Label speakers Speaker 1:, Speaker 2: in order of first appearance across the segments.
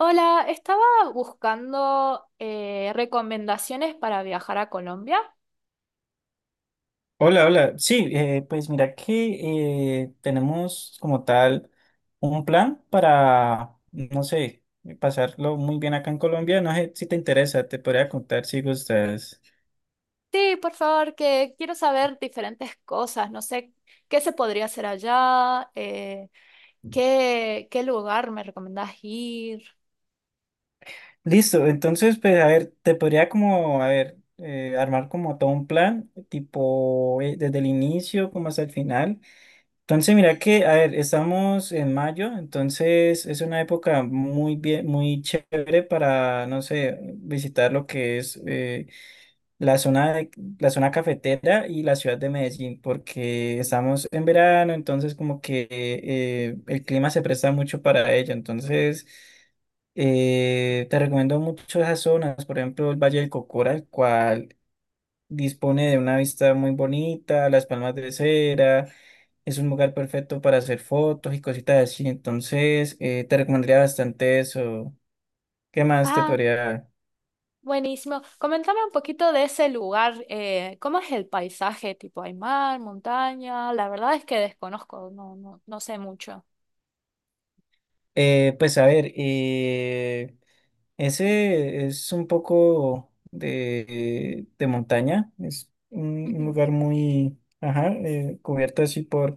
Speaker 1: Hola, estaba buscando recomendaciones para viajar a Colombia.
Speaker 2: Hola, hola. Sí, pues mira que tenemos como tal un plan para, no sé, pasarlo muy bien acá en Colombia. No sé si te interesa, te podría contar si gustas.
Speaker 1: Sí, por favor, que quiero saber diferentes cosas. No sé qué se podría hacer allá, qué lugar me recomendás ir.
Speaker 2: Listo, entonces, pues a ver, te podría como, a ver, armar como todo un plan, tipo desde el inicio como hasta el final. Entonces, mira que, a ver, estamos en mayo, entonces es una época muy bien, muy chévere para, no sé, visitar lo que es, la la zona cafetera y la ciudad de Medellín, porque estamos en verano, entonces como que el clima se presta mucho para ello. Entonces, te recomiendo mucho esas zonas, por ejemplo, el Valle del Cocora, el cual dispone de una vista muy bonita, las palmas de cera, es un lugar perfecto para hacer fotos y cositas así. Entonces, te recomendaría bastante eso. ¿Qué más te
Speaker 1: Ah,
Speaker 2: podría...
Speaker 1: buenísimo. Coméntame un poquito de ese lugar. ¿Cómo es el paisaje? Tipo, ¿hay mar, montaña? La verdad es que desconozco, no, no sé mucho.
Speaker 2: Pues a ver, ese es un poco de montaña, es un
Speaker 1: Ujú.
Speaker 2: lugar muy ajá, cubierto así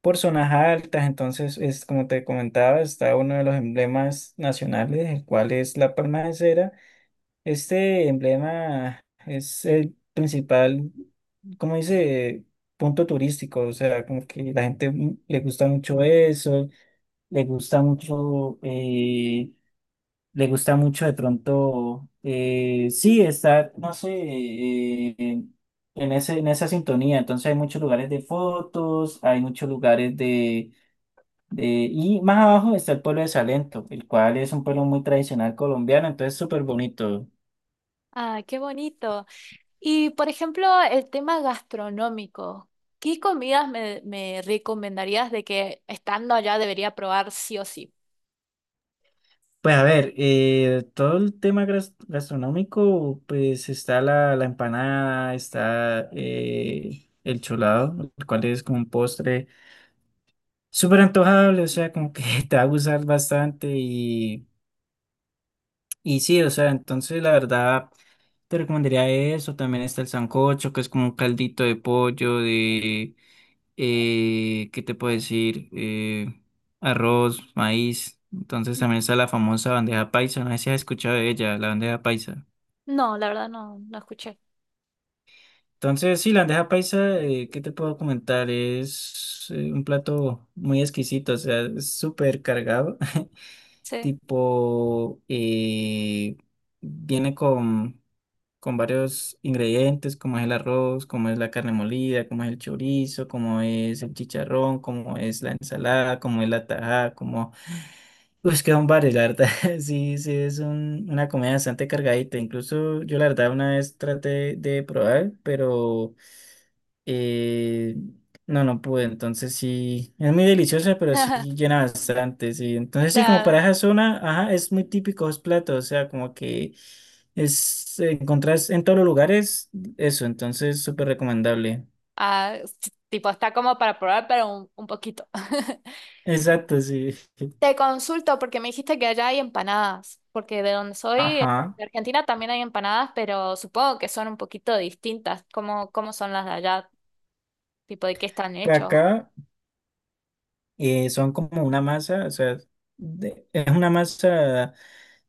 Speaker 2: por zonas altas, entonces es como te comentaba, está uno de los emblemas nacionales, el cual es la palma de cera. Este emblema es el principal, como dice, punto turístico, o sea, como que la gente le gusta mucho eso, le gusta mucho, le gusta mucho de pronto, sí, estar, no sé, en esa sintonía. Entonces hay muchos lugares de fotos, hay muchos lugares y más abajo está el pueblo de Salento, el cual es un pueblo muy tradicional colombiano, entonces súper bonito.
Speaker 1: Ah, qué bonito. Y por ejemplo, el tema gastronómico, ¿qué comidas me recomendarías de que estando allá debería probar sí o sí?
Speaker 2: Pues a ver, todo el tema gastronómico, pues está la empanada, está el cholado, el cual es como un postre, súper antojable, o sea, como que te va a gustar bastante y sí, o sea, entonces la verdad te recomendaría eso, también está el sancocho, que es como un caldito de pollo, de, ¿qué te puedo decir? Arroz, maíz, entonces también está la famosa bandeja paisa, no sé si has escuchado de ella, la bandeja paisa.
Speaker 1: No, la verdad no escuché.
Speaker 2: Entonces, sí, la bandeja paisa, ¿qué te puedo comentar? Es un plato muy exquisito, o sea, es súper cargado.
Speaker 1: Sí.
Speaker 2: Tipo, viene con varios ingredientes, como es el arroz, como es la carne molida, como es el chorizo, como es el chicharrón, como es la ensalada, como es la tajada, como... Pues quedan varios, la verdad. Sí, sí, es una comida bastante cargadita. Incluso yo la verdad una vez traté de probar, pero... Eh, no, no pude, entonces sí, es muy deliciosa, pero sí llena bastante, sí. Entonces sí, como para
Speaker 1: Claro.
Speaker 2: esa zona, ajá, es muy típico esos platos, o sea, como que es, encontrás en todos los lugares eso, entonces súper recomendable.
Speaker 1: Ah, sí, tipo, está como para probar, pero un poquito.
Speaker 2: Exacto, sí.
Speaker 1: Te consulto porque me dijiste que allá hay empanadas, porque de donde soy,
Speaker 2: Ajá.
Speaker 1: de Argentina también hay empanadas, pero supongo que son un poquito distintas. ¿Cómo, cómo son las de allá? Tipo, ¿de qué están
Speaker 2: Para
Speaker 1: hechos?
Speaker 2: acá son como una masa, o sea, es una masa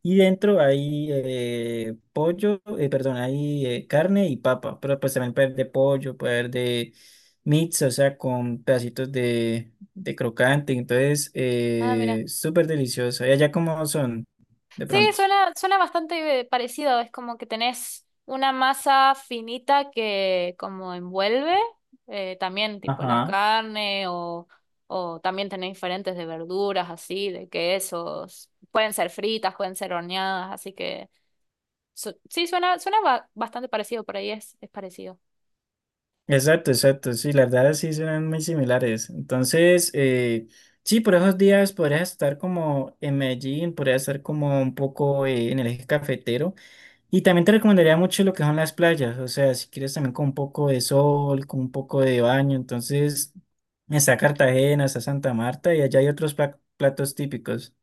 Speaker 2: y dentro hay perdón, hay carne y papa, pero pues también puede haber de pollo, puede haber de mix, o sea, con pedacitos de crocante, entonces
Speaker 1: Ah, mira.
Speaker 2: súper deliciosa. ¿Y allá cómo son de
Speaker 1: Sí,
Speaker 2: pronto?
Speaker 1: suena bastante parecido. Es como que tenés una masa finita que como envuelve también tipo la
Speaker 2: Ajá.
Speaker 1: carne o también tenés diferentes de verduras así, de quesos. Pueden ser fritas, pueden ser horneadas, así que sí, suena bastante parecido, por ahí es parecido.
Speaker 2: Exacto, exacto, sí, las verdad sí serán muy similares. Entonces, sí, por esos días podrías estar como en Medellín, podrías estar como un poco en el eje cafetero. Y también te recomendaría mucho lo que son las playas, o sea, si quieres también con un poco de sol, con un poco de baño, entonces está Cartagena, está Santa Marta y allá hay otros platos típicos.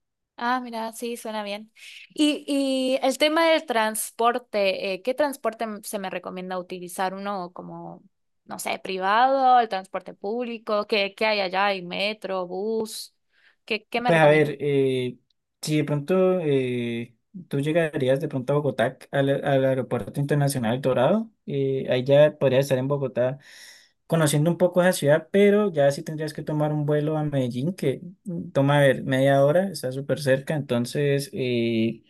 Speaker 1: Ah, mira, sí, suena bien. Y el tema del transporte, ¿qué transporte se me recomienda utilizar? ¿Uno como, no sé, privado, el transporte público? ¿Qué, qué hay allá? ¿Hay metro, bus? ¿Qué, qué me
Speaker 2: Pues a
Speaker 1: recomienda?
Speaker 2: ver, si de pronto tú llegarías de pronto a Bogotá, al Aeropuerto Internacional Dorado, ahí ya podrías estar en Bogotá conociendo un poco esa ciudad, pero ya sí tendrías que tomar un vuelo a Medellín, que toma, a ver, media hora, está súper cerca, entonces...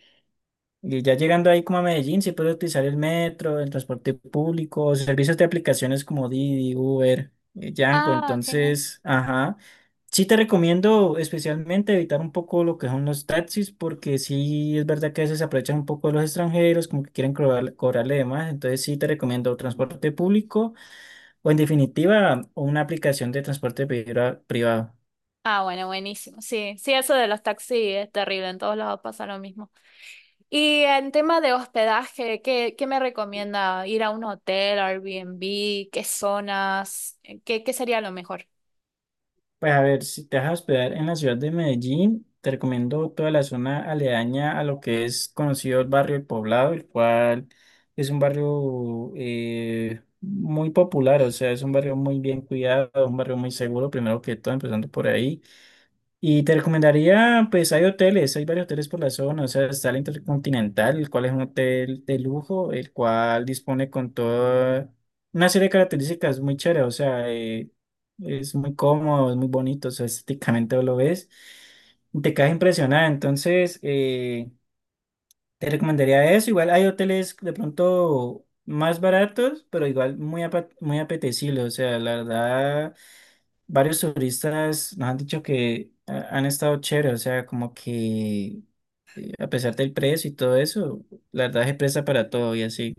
Speaker 2: y ya llegando ahí como a Medellín, se puede utilizar el metro, el transporte público, servicios de aplicaciones como Didi, Uber, Yango.
Speaker 1: Ah, genial.
Speaker 2: Entonces, ajá. Sí te recomiendo especialmente evitar un poco lo que son los taxis, porque sí es verdad que a veces se aprovechan un poco de los extranjeros, como que quieren cobrarle de más. Entonces sí te recomiendo transporte público o en definitiva una aplicación de transporte privado.
Speaker 1: Ah, bueno, buenísimo. Sí, sí, eso de los taxis es terrible. En todos lados pasa lo mismo. Y en tema de hospedaje, ¿qué, qué me recomienda? ¿Ir a un hotel, Airbnb? ¿Qué zonas? ¿Qué, qué sería lo mejor?
Speaker 2: Pues a ver, si te vas a hospedar en la ciudad de Medellín, te recomiendo toda la zona aledaña a lo que es conocido el barrio El Poblado, el cual es un barrio muy popular, o sea, es un barrio muy bien cuidado, un barrio muy seguro, primero que todo, empezando por ahí. Y te recomendaría, pues hay hoteles, hay varios hoteles por la zona, o sea, está el Intercontinental, el cual es un hotel de lujo, el cual dispone con toda una serie de características muy chéveres, o sea, es muy cómodo, es muy bonito, o sea, estéticamente lo ves, y te quedas impresionada, entonces te recomendaría eso, igual hay hoteles de pronto más baratos, pero igual muy, muy apetecibles, o sea, la verdad varios turistas nos han dicho que han estado chévere, o sea, como que a pesar del precio y todo eso, la verdad es presta para todo y así.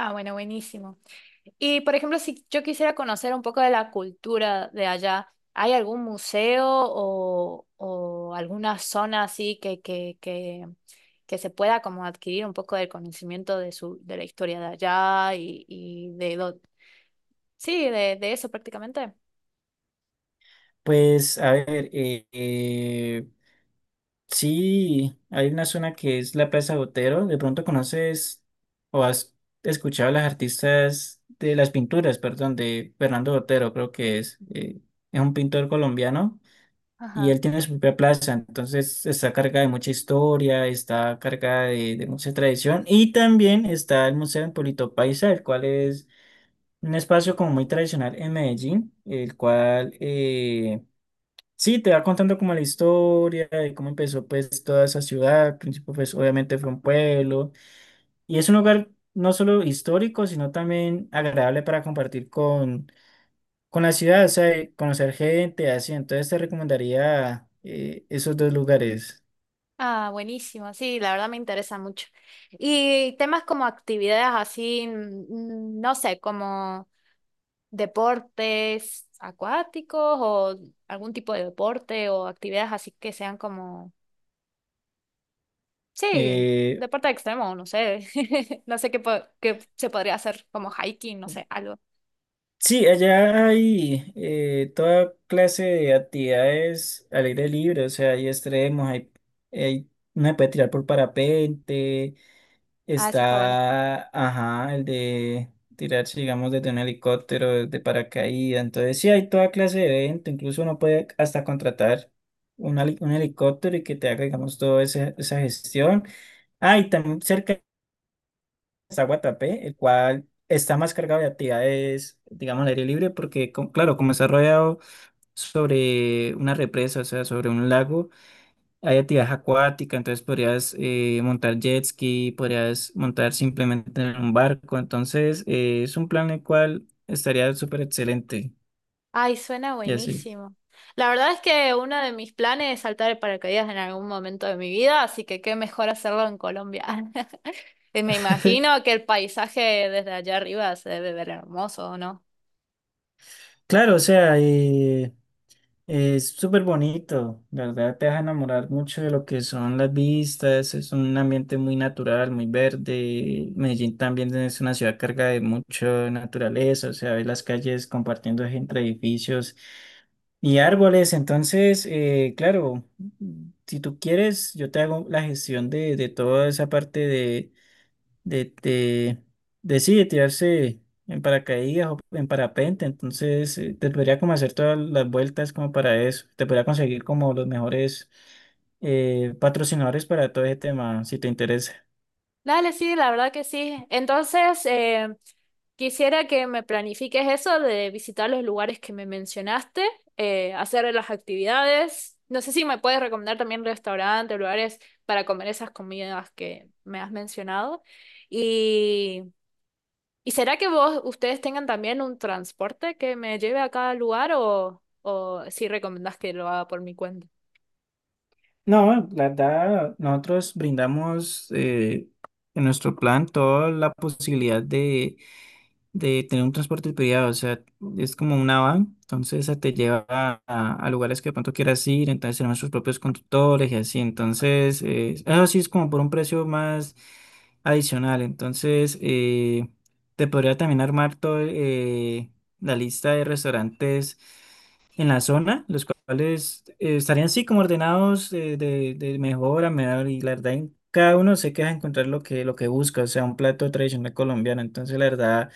Speaker 1: Ah, bueno, buenísimo. Y por ejemplo, si yo quisiera conocer un poco de la cultura de allá, ¿hay algún museo o alguna zona así que se pueda como adquirir un poco del conocimiento de su, de la historia de allá y de sí, de eso prácticamente?
Speaker 2: Pues a ver, sí, hay una zona que es la Plaza Botero, de pronto conoces o has escuchado a las artistas de las pinturas, perdón, de Fernando Botero, creo que es un pintor colombiano. Y
Speaker 1: Ajá.
Speaker 2: él tiene su propia plaza, entonces está cargada de mucha historia, está cargada de mucha tradición. Y también está el Museo en Polito Paisa, el cual es un espacio como muy tradicional en Medellín, el cual sí te va contando como la historia de cómo empezó pues toda esa ciudad. Al principio pues obviamente fue un pueblo y es un lugar no solo histórico, sino también agradable para compartir con la ciudad, o sea, y conocer gente, así, entonces te recomendaría esos dos lugares.
Speaker 1: Ah, buenísimo. Sí, la verdad me interesa mucho. Y temas como actividades así, no sé, como deportes acuáticos o algún tipo de deporte o actividades así que sean como, sí,
Speaker 2: Eh,
Speaker 1: deporte extremo, no sé, no sé qué, qué se podría hacer como hiking, no sé, algo.
Speaker 2: sí, allá hay toda clase de actividades al aire libre, o sea, hay extremos, hay- uno se puede tirar por parapente.
Speaker 1: Ah, eso está bueno.
Speaker 2: Está, ajá, el de tirarse, digamos, desde un helicóptero, de paracaídas. Entonces, sí, hay toda clase de evento. Incluso uno puede hasta contratar un helicóptero y que te haga, digamos, toda esa, esa gestión. Ah, y también cerca está Guatapé, el cual está más cargado de actividades, digamos, al aire libre, porque, claro, como está rodeado sobre una represa, o sea, sobre un lago. Hay actividad acuática, entonces podrías montar jet ski, podrías montar simplemente en un barco. Entonces, es un plan el cual estaría súper excelente.
Speaker 1: Ay, suena
Speaker 2: Y así.
Speaker 1: buenísimo. La verdad es que uno de mis planes es saltar el paracaídas en algún momento de mi vida, así que qué mejor hacerlo en Colombia. Y me imagino que el paisaje desde allá arriba se debe ver hermoso, ¿no?
Speaker 2: Claro, o sea, es súper bonito, la ¿verdad? Te deja enamorar mucho de lo que son las vistas, es un ambiente muy natural, muy verde. Medellín también es una ciudad cargada de mucha naturaleza, o sea, ves las calles compartiendo entre edificios y árboles. Entonces, claro, si tú quieres, yo te hago la gestión de toda esa parte de, de, de sí, de tirarse en paracaídas o en parapente, entonces te podría como hacer todas las vueltas como para eso, te podría conseguir como los mejores patrocinadores para todo ese tema, si te interesa.
Speaker 1: Dale, sí, la verdad que sí. Entonces, quisiera que me planifiques eso de visitar los lugares que me mencionaste, hacer las actividades. No sé si me puedes recomendar también restaurantes, lugares para comer esas comidas que me has mencionado. Y, ¿Y será que vos, ustedes tengan también un transporte que me lleve a cada lugar o si recomendás que lo haga por mi cuenta?
Speaker 2: No, la verdad, nosotros brindamos en nuestro plan toda la posibilidad de tener un transporte privado, o sea, es como una van, entonces esa te lleva a lugares que de pronto quieras ir, entonces tenemos sus propios conductores y así, entonces, eso sí es como por un precio más adicional, entonces te podría también armar todo la lista de restaurantes en la zona, los cuales estarían así como ordenados de mejor a menor y la verdad en cada uno sé que vas a encontrar lo que busca, o sea, un plato tradicional colombiano, entonces la verdad...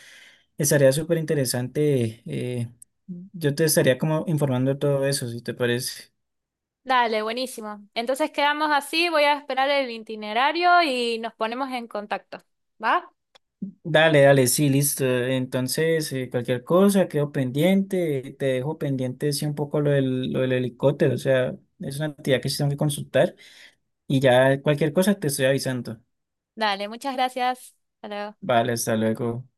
Speaker 2: Estaría súper interesante. Yo te estaría como informando de todo eso, si te parece.
Speaker 1: Dale, buenísimo. Entonces quedamos así, voy a esperar el itinerario y nos ponemos en contacto. ¿Va?
Speaker 2: Dale, dale, sí, listo. Entonces, cualquier cosa, quedo pendiente. Te dejo pendiente, sí, un poco lo del helicóptero. O sea, es una actividad que sí tengo que consultar. Y ya cualquier cosa te estoy avisando.
Speaker 1: Dale, muchas gracias. Hasta luego.
Speaker 2: Vale, hasta luego.